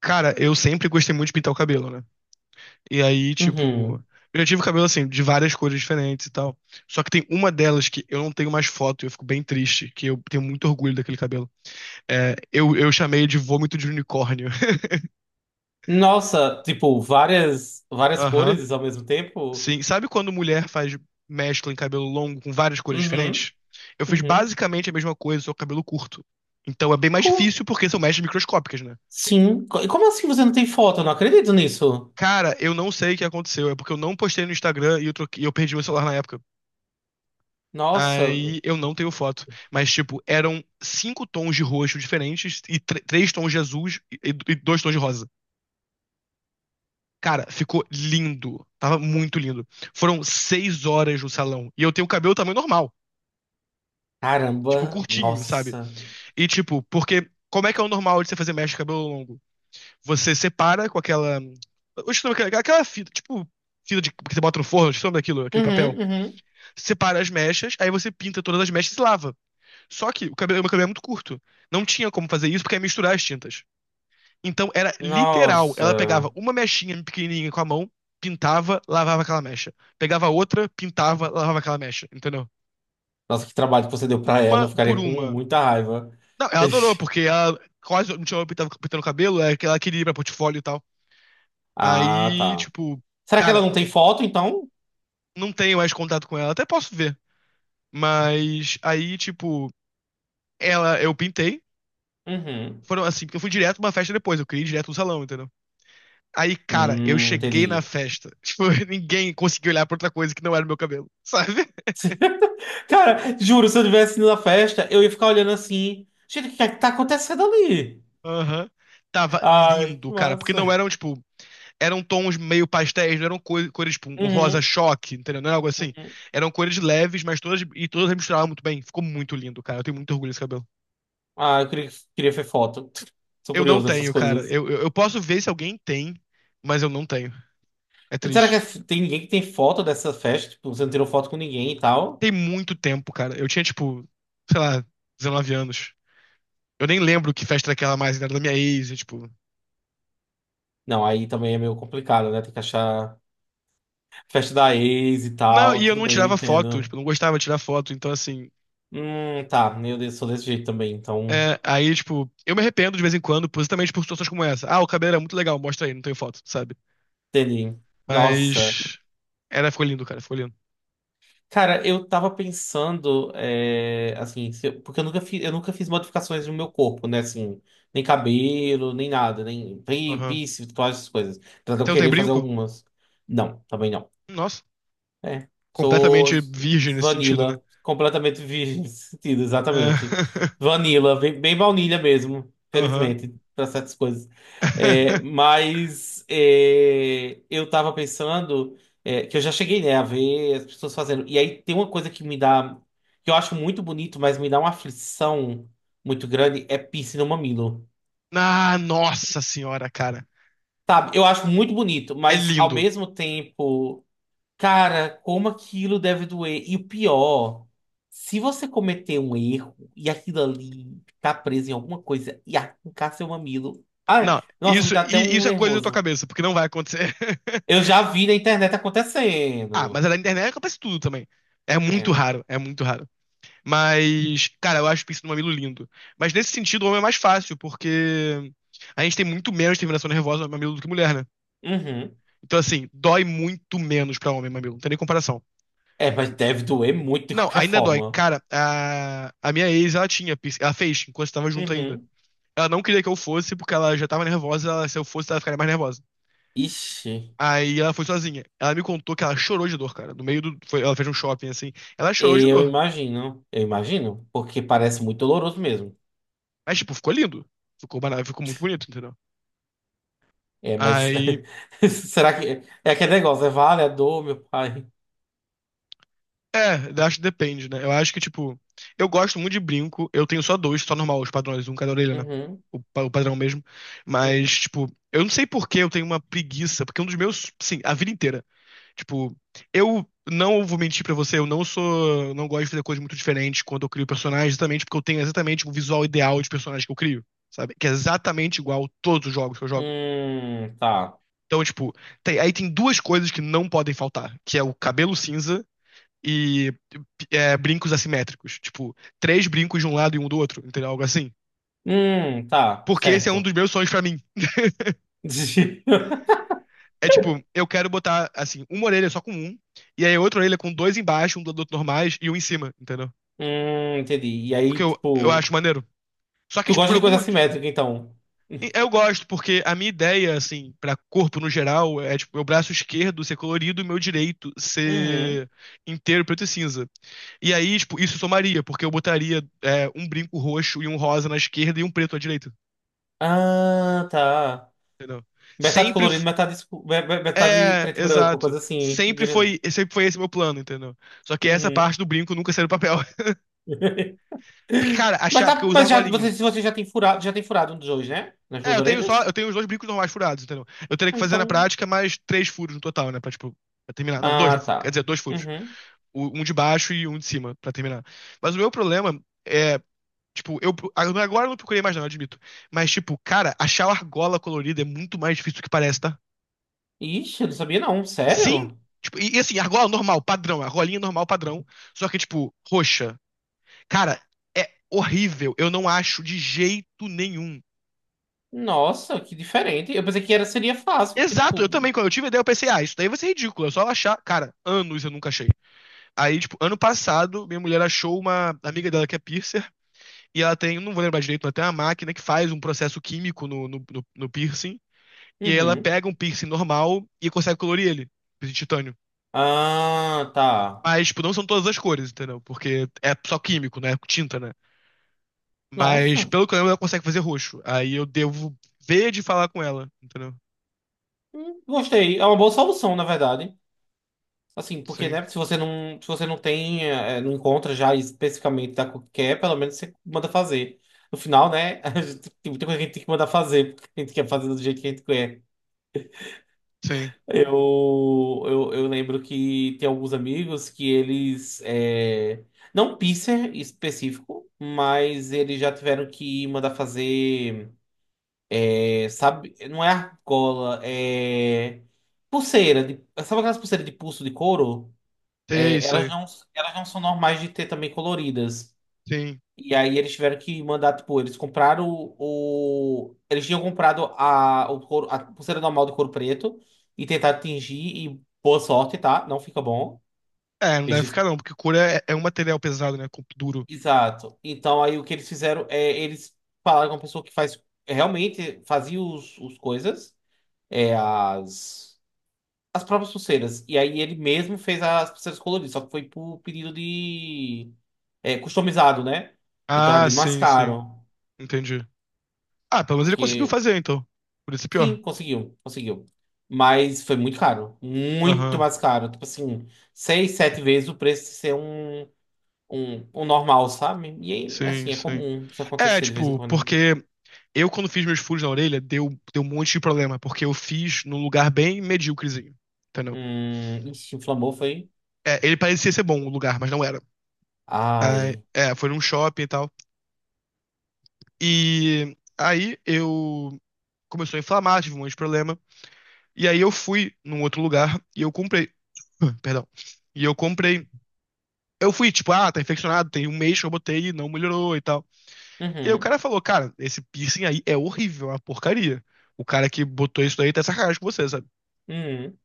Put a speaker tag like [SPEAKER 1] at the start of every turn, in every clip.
[SPEAKER 1] Cara, eu sempre gostei muito de pintar o cabelo, né? E aí, tipo,
[SPEAKER 2] Uhum.
[SPEAKER 1] eu já tive cabelo assim, de várias cores diferentes e tal. Só que tem uma delas que eu não tenho mais foto, e eu fico bem triste, que eu tenho muito orgulho daquele cabelo. É, eu chamei de vômito de unicórnio.
[SPEAKER 2] Nossa, tipo, várias
[SPEAKER 1] Aham.
[SPEAKER 2] cores ao mesmo tempo?
[SPEAKER 1] Sim. Sabe quando mulher faz mescla em cabelo longo com várias cores
[SPEAKER 2] Uhum.
[SPEAKER 1] diferentes? Eu fiz
[SPEAKER 2] Uhum.
[SPEAKER 1] basicamente a mesma coisa, só com cabelo curto. Então é bem mais
[SPEAKER 2] Co-
[SPEAKER 1] difícil porque são mechas microscópicas, né?
[SPEAKER 2] Sim. E como assim você não tem foto? Eu não acredito nisso.
[SPEAKER 1] Cara, eu não sei o que aconteceu. É porque eu não postei no Instagram e eu, e eu perdi meu celular na época.
[SPEAKER 2] Nossa.
[SPEAKER 1] Aí eu não tenho foto. Mas, tipo, eram cinco tons de roxo diferentes e três tons de azul e dois tons de rosa. Cara, ficou lindo. Tava muito lindo. Foram 6 horas no salão. E eu tenho o cabelo tamanho normal. Tipo,
[SPEAKER 2] Caramba.
[SPEAKER 1] curtinho, sabe?
[SPEAKER 2] Nossa.
[SPEAKER 1] E, tipo, porque como é que é o normal de você fazer mecha de cabelo longo? Você separa com aquela. Eu esqueci o nome daquela aquela fita, tipo, fita de, que você bota no forno, eu esqueci o nome daquilo, aquele papel.
[SPEAKER 2] Uhum, uhum.
[SPEAKER 1] Separa as mechas, aí você pinta todas as mechas e lava. Só que o cabelo, meu cabelo é muito curto. Não tinha como fazer isso porque ia misturar as tintas. Então era literal. Ela pegava
[SPEAKER 2] Nossa.
[SPEAKER 1] uma mechinha pequenininha com a mão, pintava, lavava aquela mecha. Pegava outra, pintava, lavava aquela mecha. Entendeu?
[SPEAKER 2] Nossa, que trabalho que você deu pra ela.
[SPEAKER 1] Uma
[SPEAKER 2] Eu
[SPEAKER 1] por
[SPEAKER 2] ficaria com
[SPEAKER 1] uma.
[SPEAKER 2] muita raiva.
[SPEAKER 1] Não, ela adorou,
[SPEAKER 2] Ixi.
[SPEAKER 1] porque ela quase não tinha pintado, pintando o cabelo, é que ela queria ir pra portfólio e tal.
[SPEAKER 2] Ah,
[SPEAKER 1] Aí,
[SPEAKER 2] tá.
[SPEAKER 1] tipo,
[SPEAKER 2] Será que ela
[SPEAKER 1] cara,
[SPEAKER 2] não tem foto, então?
[SPEAKER 1] não tenho mais contato com ela. Até posso ver. Mas aí, tipo, ela, eu pintei.
[SPEAKER 2] Uhum.
[SPEAKER 1] Foram assim, porque eu fui direto pra uma festa depois, eu queria ir direto no salão, entendeu? Aí, cara, eu cheguei na
[SPEAKER 2] Entendi.
[SPEAKER 1] festa. Tipo, ninguém conseguiu olhar pra outra coisa que não era o meu cabelo, sabe?
[SPEAKER 2] Cara, juro, se eu tivesse ido na festa, eu ia ficar olhando assim. Gente, o que é que tá acontecendo ali?
[SPEAKER 1] Aham. Tava
[SPEAKER 2] Ai,
[SPEAKER 1] lindo,
[SPEAKER 2] que
[SPEAKER 1] cara. Porque
[SPEAKER 2] massa.
[SPEAKER 1] não eram, tipo, eram tons meio pastéis, não eram cores, tipo, um rosa
[SPEAKER 2] Uhum,
[SPEAKER 1] choque, entendeu? Não era algo assim.
[SPEAKER 2] uhum.
[SPEAKER 1] Eram cores leves, mas todas, e todas misturavam muito bem. Ficou muito lindo, cara. Eu tenho muito orgulho desse cabelo.
[SPEAKER 2] Ah, eu queria ver foto. Sou
[SPEAKER 1] Eu não
[SPEAKER 2] curioso dessas
[SPEAKER 1] tenho, cara.
[SPEAKER 2] coisas.
[SPEAKER 1] Eu posso ver se alguém tem, mas eu não tenho. É
[SPEAKER 2] Será que
[SPEAKER 1] triste.
[SPEAKER 2] tem ninguém que tem foto dessa festa? Tipo, você não tirou foto com ninguém e tal?
[SPEAKER 1] Tem muito tempo, cara. Eu tinha, tipo, sei lá, 19 anos. Eu nem lembro que festa era aquela mais, né? Era da minha ex, e, tipo.
[SPEAKER 2] Não, aí também é meio complicado, né? Tem que achar festa da ex e
[SPEAKER 1] Não,
[SPEAKER 2] tal.
[SPEAKER 1] e eu
[SPEAKER 2] Tudo
[SPEAKER 1] não
[SPEAKER 2] bem, eu
[SPEAKER 1] tirava foto,
[SPEAKER 2] entendo.
[SPEAKER 1] tipo, eu não gostava de tirar foto, então assim.
[SPEAKER 2] Tá. Meu Deus, sou desse jeito também, então.
[SPEAKER 1] É, aí, tipo, eu me arrependo de vez em quando, positamente por situações como essa. Ah, o cabelo era muito legal, mostra aí, não tem foto, sabe?
[SPEAKER 2] Entendi. Nossa.
[SPEAKER 1] Mas. Era, ficou lindo, cara, ficou lindo.
[SPEAKER 2] Cara, eu tava pensando, é, assim, se eu- porque eu nunca fiz modificações no meu corpo, né? Assim, nem cabelo, nem nada, nem pi-
[SPEAKER 1] Aham.
[SPEAKER 2] piercing, todas essas coisas. Apesar de eu
[SPEAKER 1] Você não tem
[SPEAKER 2] querer fazer
[SPEAKER 1] brinco?
[SPEAKER 2] algumas. Não, também não.
[SPEAKER 1] Nossa,
[SPEAKER 2] É. Sou
[SPEAKER 1] completamente virgem nesse sentido, né?
[SPEAKER 2] vanilla, completamente virgem nesse sentido,
[SPEAKER 1] É,
[SPEAKER 2] exatamente. Vanilla, bem baunilha mesmo,
[SPEAKER 1] Aham.
[SPEAKER 2] felizmente, para certas coisas. Eu tava pensando que eu já cheguei, né, a ver as pessoas fazendo. E aí tem uma coisa que me dá, que eu acho muito bonito, mas me dá uma aflição muito grande, é piercing no mamilo.
[SPEAKER 1] Ah, nossa senhora, cara.
[SPEAKER 2] Sabe, eu acho muito bonito,
[SPEAKER 1] É
[SPEAKER 2] mas ao
[SPEAKER 1] lindo.
[SPEAKER 2] mesmo tempo. Cara, como aquilo deve doer. E o pior, se você cometer um erro e aquilo ali tá preso em alguma coisa e arrancar seu mamilo. Ai,
[SPEAKER 1] Não,
[SPEAKER 2] nossa, me
[SPEAKER 1] isso,
[SPEAKER 2] dá até um
[SPEAKER 1] isso é coisa da tua
[SPEAKER 2] nervoso.
[SPEAKER 1] cabeça, porque não vai acontecer.
[SPEAKER 2] Eu já vi na internet
[SPEAKER 1] Ah, mas
[SPEAKER 2] acontecendo.
[SPEAKER 1] é na internet acontece tudo também. É muito
[SPEAKER 2] É.
[SPEAKER 1] raro, é muito raro. Mas, cara, eu acho o pincel do mamilo lindo. Mas nesse sentido, o homem é mais fácil, porque a gente tem muito menos terminação nervosa no mamilo do que mulher, né?
[SPEAKER 2] Uhum.
[SPEAKER 1] Então, assim, dói muito menos pra homem mamilo. Não tem nem comparação.
[SPEAKER 2] É, mas deve doer muito de
[SPEAKER 1] Não,
[SPEAKER 2] qualquer
[SPEAKER 1] ainda dói.
[SPEAKER 2] forma.
[SPEAKER 1] Cara, a minha ex, ela tinha, piercing- ela fez enquanto tava junto ainda.
[SPEAKER 2] Uhum.
[SPEAKER 1] Ela não queria que eu fosse, porque ela já tava nervosa. Se eu fosse, ela ficaria mais nervosa.
[SPEAKER 2] Ixi,
[SPEAKER 1] Aí ela foi sozinha. Ela me contou que ela chorou de dor, cara. No meio do. Ela fez um shopping assim. Ela chorou de
[SPEAKER 2] eu
[SPEAKER 1] dor.
[SPEAKER 2] imagino. Eu imagino, porque parece muito doloroso mesmo.
[SPEAKER 1] Mas, tipo, ficou lindo. Ficou, ficou muito bonito, entendeu?
[SPEAKER 2] É, mas
[SPEAKER 1] Aí
[SPEAKER 2] será que é aquele negócio? É vale a dor, meu pai?
[SPEAKER 1] É, eu acho que depende, né? Eu acho que, tipo, eu gosto muito de brinco. Eu tenho só dois, só normal, os padrões, um cada orelha, né?
[SPEAKER 2] Uhum,
[SPEAKER 1] O, o padrão mesmo.
[SPEAKER 2] uhum.
[SPEAKER 1] Mas, tipo, eu não sei por que eu tenho uma preguiça, porque um dos meus, sim, a vida inteira. Tipo, eu não vou mentir pra você, eu não sou, não gosto de fazer coisas muito diferentes quando eu crio personagens, exatamente porque eu tenho exatamente o visual ideal de personagem que eu crio, sabe? Que é exatamente igual a todos os jogos que eu jogo.
[SPEAKER 2] Tá.
[SPEAKER 1] Então, tipo, aí tem duas coisas que não podem faltar, que é o cabelo cinza e é, brincos assimétricos. Tipo, três brincos de um lado e um do outro, entendeu? Algo assim.
[SPEAKER 2] Tá,
[SPEAKER 1] Porque esse é um
[SPEAKER 2] certo.
[SPEAKER 1] dos meus sonhos pra mim. É tipo, eu quero botar, assim, uma orelha só com um, e aí outra orelha com dois embaixo, um do outro normais e um em cima, entendeu?
[SPEAKER 2] Entendi. E
[SPEAKER 1] Porque
[SPEAKER 2] aí,
[SPEAKER 1] eu
[SPEAKER 2] tipo,
[SPEAKER 1] acho maneiro. Só que,
[SPEAKER 2] tu
[SPEAKER 1] tipo,
[SPEAKER 2] gosta
[SPEAKER 1] por
[SPEAKER 2] de coisa
[SPEAKER 1] algum.
[SPEAKER 2] assimétrica, então?
[SPEAKER 1] Eu gosto, porque a minha ideia, assim, pra corpo no geral, é, tipo, meu braço esquerdo ser colorido e meu direito
[SPEAKER 2] Uhum.
[SPEAKER 1] ser inteiro preto e cinza. E aí, tipo, isso somaria, porque eu botaria, é, um brinco roxo e um rosa na esquerda e um preto à direita.
[SPEAKER 2] Ah, tá.
[SPEAKER 1] Entendeu?
[SPEAKER 2] Metade
[SPEAKER 1] Sempre.
[SPEAKER 2] colorido, metade, metade
[SPEAKER 1] É,
[SPEAKER 2] preto e branco,
[SPEAKER 1] exato.
[SPEAKER 2] coisa assim.
[SPEAKER 1] Sempre foi esse meu plano, entendeu? Só que essa
[SPEAKER 2] Uhum.
[SPEAKER 1] parte do brinco nunca saiu do papel. Porque, cara,
[SPEAKER 2] Mas,
[SPEAKER 1] achar, porque eu
[SPEAKER 2] tá,
[SPEAKER 1] uso
[SPEAKER 2] mas já,
[SPEAKER 1] argolinha.
[SPEAKER 2] você, se você já tem furado um dos dois, né? Nas
[SPEAKER 1] É,
[SPEAKER 2] duas
[SPEAKER 1] eu tenho só,
[SPEAKER 2] orelhas?
[SPEAKER 1] eu tenho os dois brincos normais furados, entendeu? Eu teria que
[SPEAKER 2] Ah,
[SPEAKER 1] fazer na
[SPEAKER 2] então.
[SPEAKER 1] prática mais três furos no total, né? Pra, tipo, pra terminar. Não, dois, no
[SPEAKER 2] Ah,
[SPEAKER 1] fu- quer
[SPEAKER 2] tá.
[SPEAKER 1] dizer, dois furos.
[SPEAKER 2] Uhum.
[SPEAKER 1] Um de baixo e um de cima, pra terminar. Mas o meu problema é, tipo, eu agora eu não procurei mais, não, eu admito. Mas, tipo, cara, achar a argola colorida é muito mais difícil do que parece, tá?
[SPEAKER 2] Ixi, eu não sabia não.
[SPEAKER 1] Sim,
[SPEAKER 2] Sério?
[SPEAKER 1] tipo, e assim, argola normal, padrão, argolinha normal, padrão, só que, tipo, roxa. Cara, é horrível, eu não acho de jeito nenhum.
[SPEAKER 2] Nossa, que diferente. Eu pensei que era, seria fácil, porque,
[SPEAKER 1] Exato, eu
[SPEAKER 2] tipo,
[SPEAKER 1] também, quando eu tive a ideia, eu pensei, ah, isso daí vai ser ridículo, é só achar. Cara, anos eu nunca achei. Aí, tipo, ano passado, minha mulher achou uma amiga dela que é piercer, e ela tem, não vou lembrar direito, ela tem uma máquina que faz um processo químico no piercing, e aí ela
[SPEAKER 2] Uhum.
[SPEAKER 1] pega um piercing normal e consegue colorir ele, de titânio.
[SPEAKER 2] Ah, tá.
[SPEAKER 1] Mas, tipo, não são todas as cores, entendeu? Porque é só químico, né? Tinta, né? Mas,
[SPEAKER 2] Nossa.
[SPEAKER 1] pelo que eu lembro, ela consegue fazer roxo. Aí eu devo ver de falar com ela, entendeu?
[SPEAKER 2] Gostei. É uma boa solução, na verdade. Assim, porque,
[SPEAKER 1] Sim,
[SPEAKER 2] né, se você não, se você não tem, não encontra já especificamente da cor que quer, pelo menos você manda fazer. No final, né, a gente, tem muita coisa que a gente tem que mandar fazer, porque a gente quer fazer do jeito que a gente quer.
[SPEAKER 1] sim.
[SPEAKER 2] Eu lembro que tem alguns amigos que eles, não piercer específico, mas eles já tiveram que mandar fazer. É, sabe, não é argola, é pulseira, de, sabe aquelas pulseiras de pulso de couro?
[SPEAKER 1] É
[SPEAKER 2] É,
[SPEAKER 1] isso aí.
[SPEAKER 2] elas não são normais de ter também coloridas.
[SPEAKER 1] Sim.
[SPEAKER 2] E aí eles tiveram que mandar, tipo, eles tinham comprado o couro, a pulseira normal de couro preto e tentar tingir e boa sorte, tá? Não fica bom.
[SPEAKER 1] É, não
[SPEAKER 2] Eles
[SPEAKER 1] deve
[SPEAKER 2] dis-
[SPEAKER 1] ficar não, porque cura é, é um material pesado, né? Duro.
[SPEAKER 2] Exato. Então aí o que eles fizeram é eles falaram com a pessoa que faz realmente fazia os coisas, as as próprias pulseiras. E aí ele mesmo fez as pulseiras coloridas, só que foi por pedido de. É, customizado, né? Então é
[SPEAKER 1] Ah,
[SPEAKER 2] bem mais
[SPEAKER 1] sim, sim.
[SPEAKER 2] caro.
[SPEAKER 1] Entendi. Ah, pelo menos ele conseguiu
[SPEAKER 2] Porque,
[SPEAKER 1] fazer, então. Por isso é
[SPEAKER 2] sim,
[SPEAKER 1] pior.
[SPEAKER 2] conseguiu, conseguiu. Mas foi muito caro. Muito
[SPEAKER 1] Aham.
[SPEAKER 2] mais caro. Tipo assim, seis, sete vezes o preço de ser um normal, sabe? E aí,
[SPEAKER 1] Sim,
[SPEAKER 2] assim, é
[SPEAKER 1] sim.
[SPEAKER 2] comum isso
[SPEAKER 1] É,
[SPEAKER 2] acontecer de vez em
[SPEAKER 1] tipo,
[SPEAKER 2] quando.
[SPEAKER 1] porque eu quando fiz meus furos na orelha, deu um monte de problema, porque eu fiz num lugar bem medíocrezinho, entendeu?
[SPEAKER 2] Ixi, inflamou, foi.
[SPEAKER 1] É, ele parecia ser bom o lugar, mas não era. Ah,
[SPEAKER 2] Ai.
[SPEAKER 1] é, foi num shopping e tal. E aí eu começou a inflamar, tive um monte de problema. E aí eu fui num outro lugar e eu comprei. Perdão. E eu comprei. Eu fui, tipo, ah, tá infeccionado, tem um mês que eu botei e não melhorou e tal. E aí o
[SPEAKER 2] Uhum,
[SPEAKER 1] cara falou, cara, esse piercing aí é horrível, é uma porcaria. O cara que botou isso daí tá de sacanagem com você, sabe?
[SPEAKER 2] uhum.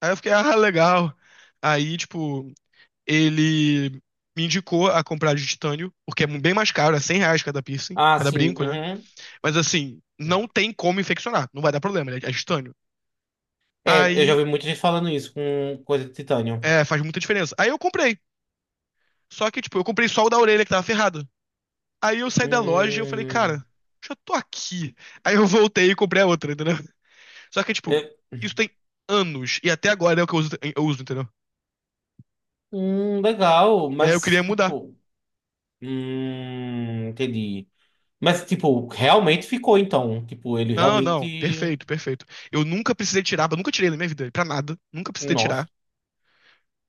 [SPEAKER 1] Aí eu fiquei, ah, legal. Aí, tipo, ele me indicou a comprar de titânio, porque é bem mais caro, é R$ 100 cada piercing,
[SPEAKER 2] Ah,
[SPEAKER 1] cada
[SPEAKER 2] sim,
[SPEAKER 1] brinco, né?
[SPEAKER 2] uhum.
[SPEAKER 1] Mas assim, não tem como infeccionar. Não vai dar problema, ele é estânio.
[SPEAKER 2] É, eu já
[SPEAKER 1] Aí,
[SPEAKER 2] vi muita gente falando isso com coisa de titânio.
[SPEAKER 1] é, faz muita diferença. Aí eu comprei. Só que, tipo, eu comprei só o da orelha que tava ferrado. Aí eu saí da loja e eu falei,
[SPEAKER 2] Hum,
[SPEAKER 1] cara, já tô aqui. Aí eu voltei e comprei a outra, entendeu? Só que, tipo,
[SPEAKER 2] é,
[SPEAKER 1] isso tem anos. E até agora é o que eu uso, entendeu?
[SPEAKER 2] legal,
[SPEAKER 1] E aí eu queria
[SPEAKER 2] mas
[SPEAKER 1] mudar.
[SPEAKER 2] tipo, entendi. Mas tipo, realmente ficou então, tipo, ele
[SPEAKER 1] Não, não,
[SPEAKER 2] realmente,
[SPEAKER 1] perfeito, perfeito. Eu nunca precisei tirar, eu nunca tirei na minha vida, pra nada. Nunca precisei
[SPEAKER 2] nossa.
[SPEAKER 1] tirar.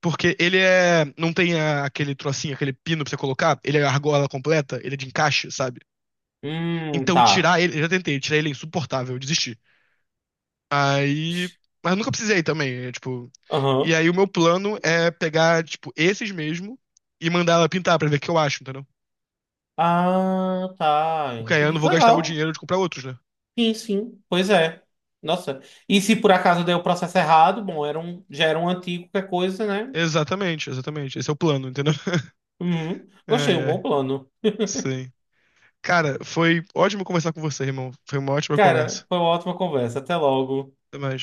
[SPEAKER 1] Porque ele é. Não tem aquele trocinho, aquele pino pra você colocar. Ele é argola completa, ele é de encaixe, sabe? Então
[SPEAKER 2] Tá.
[SPEAKER 1] tirar ele, eu já tentei, tirar ele é insuportável, eu desisti. Aí, mas eu nunca precisei também, é, tipo, e
[SPEAKER 2] Aham.
[SPEAKER 1] aí o meu plano é pegar, tipo, esses mesmo e mandar ela pintar pra ver o que eu acho, entendeu?
[SPEAKER 2] Ah, tá.
[SPEAKER 1] Porque aí eu
[SPEAKER 2] Entendi.
[SPEAKER 1] não
[SPEAKER 2] Que
[SPEAKER 1] vou gastar o
[SPEAKER 2] legal.
[SPEAKER 1] dinheiro de comprar outros, né?
[SPEAKER 2] Sim, sim. Pois é. Nossa. E se por acaso deu o processo errado, bom, era um, já era um antigo, qualquer coisa, né?
[SPEAKER 1] Exatamente, exatamente. Esse é o plano, entendeu?
[SPEAKER 2] Uhum. Gostei,
[SPEAKER 1] Ai,
[SPEAKER 2] um bom
[SPEAKER 1] ai,
[SPEAKER 2] plano.
[SPEAKER 1] sim. Cara, foi ótimo conversar com você, irmão. Foi uma ótima conversa.
[SPEAKER 2] Cara, foi uma ótima conversa. Até logo.
[SPEAKER 1] Até mais.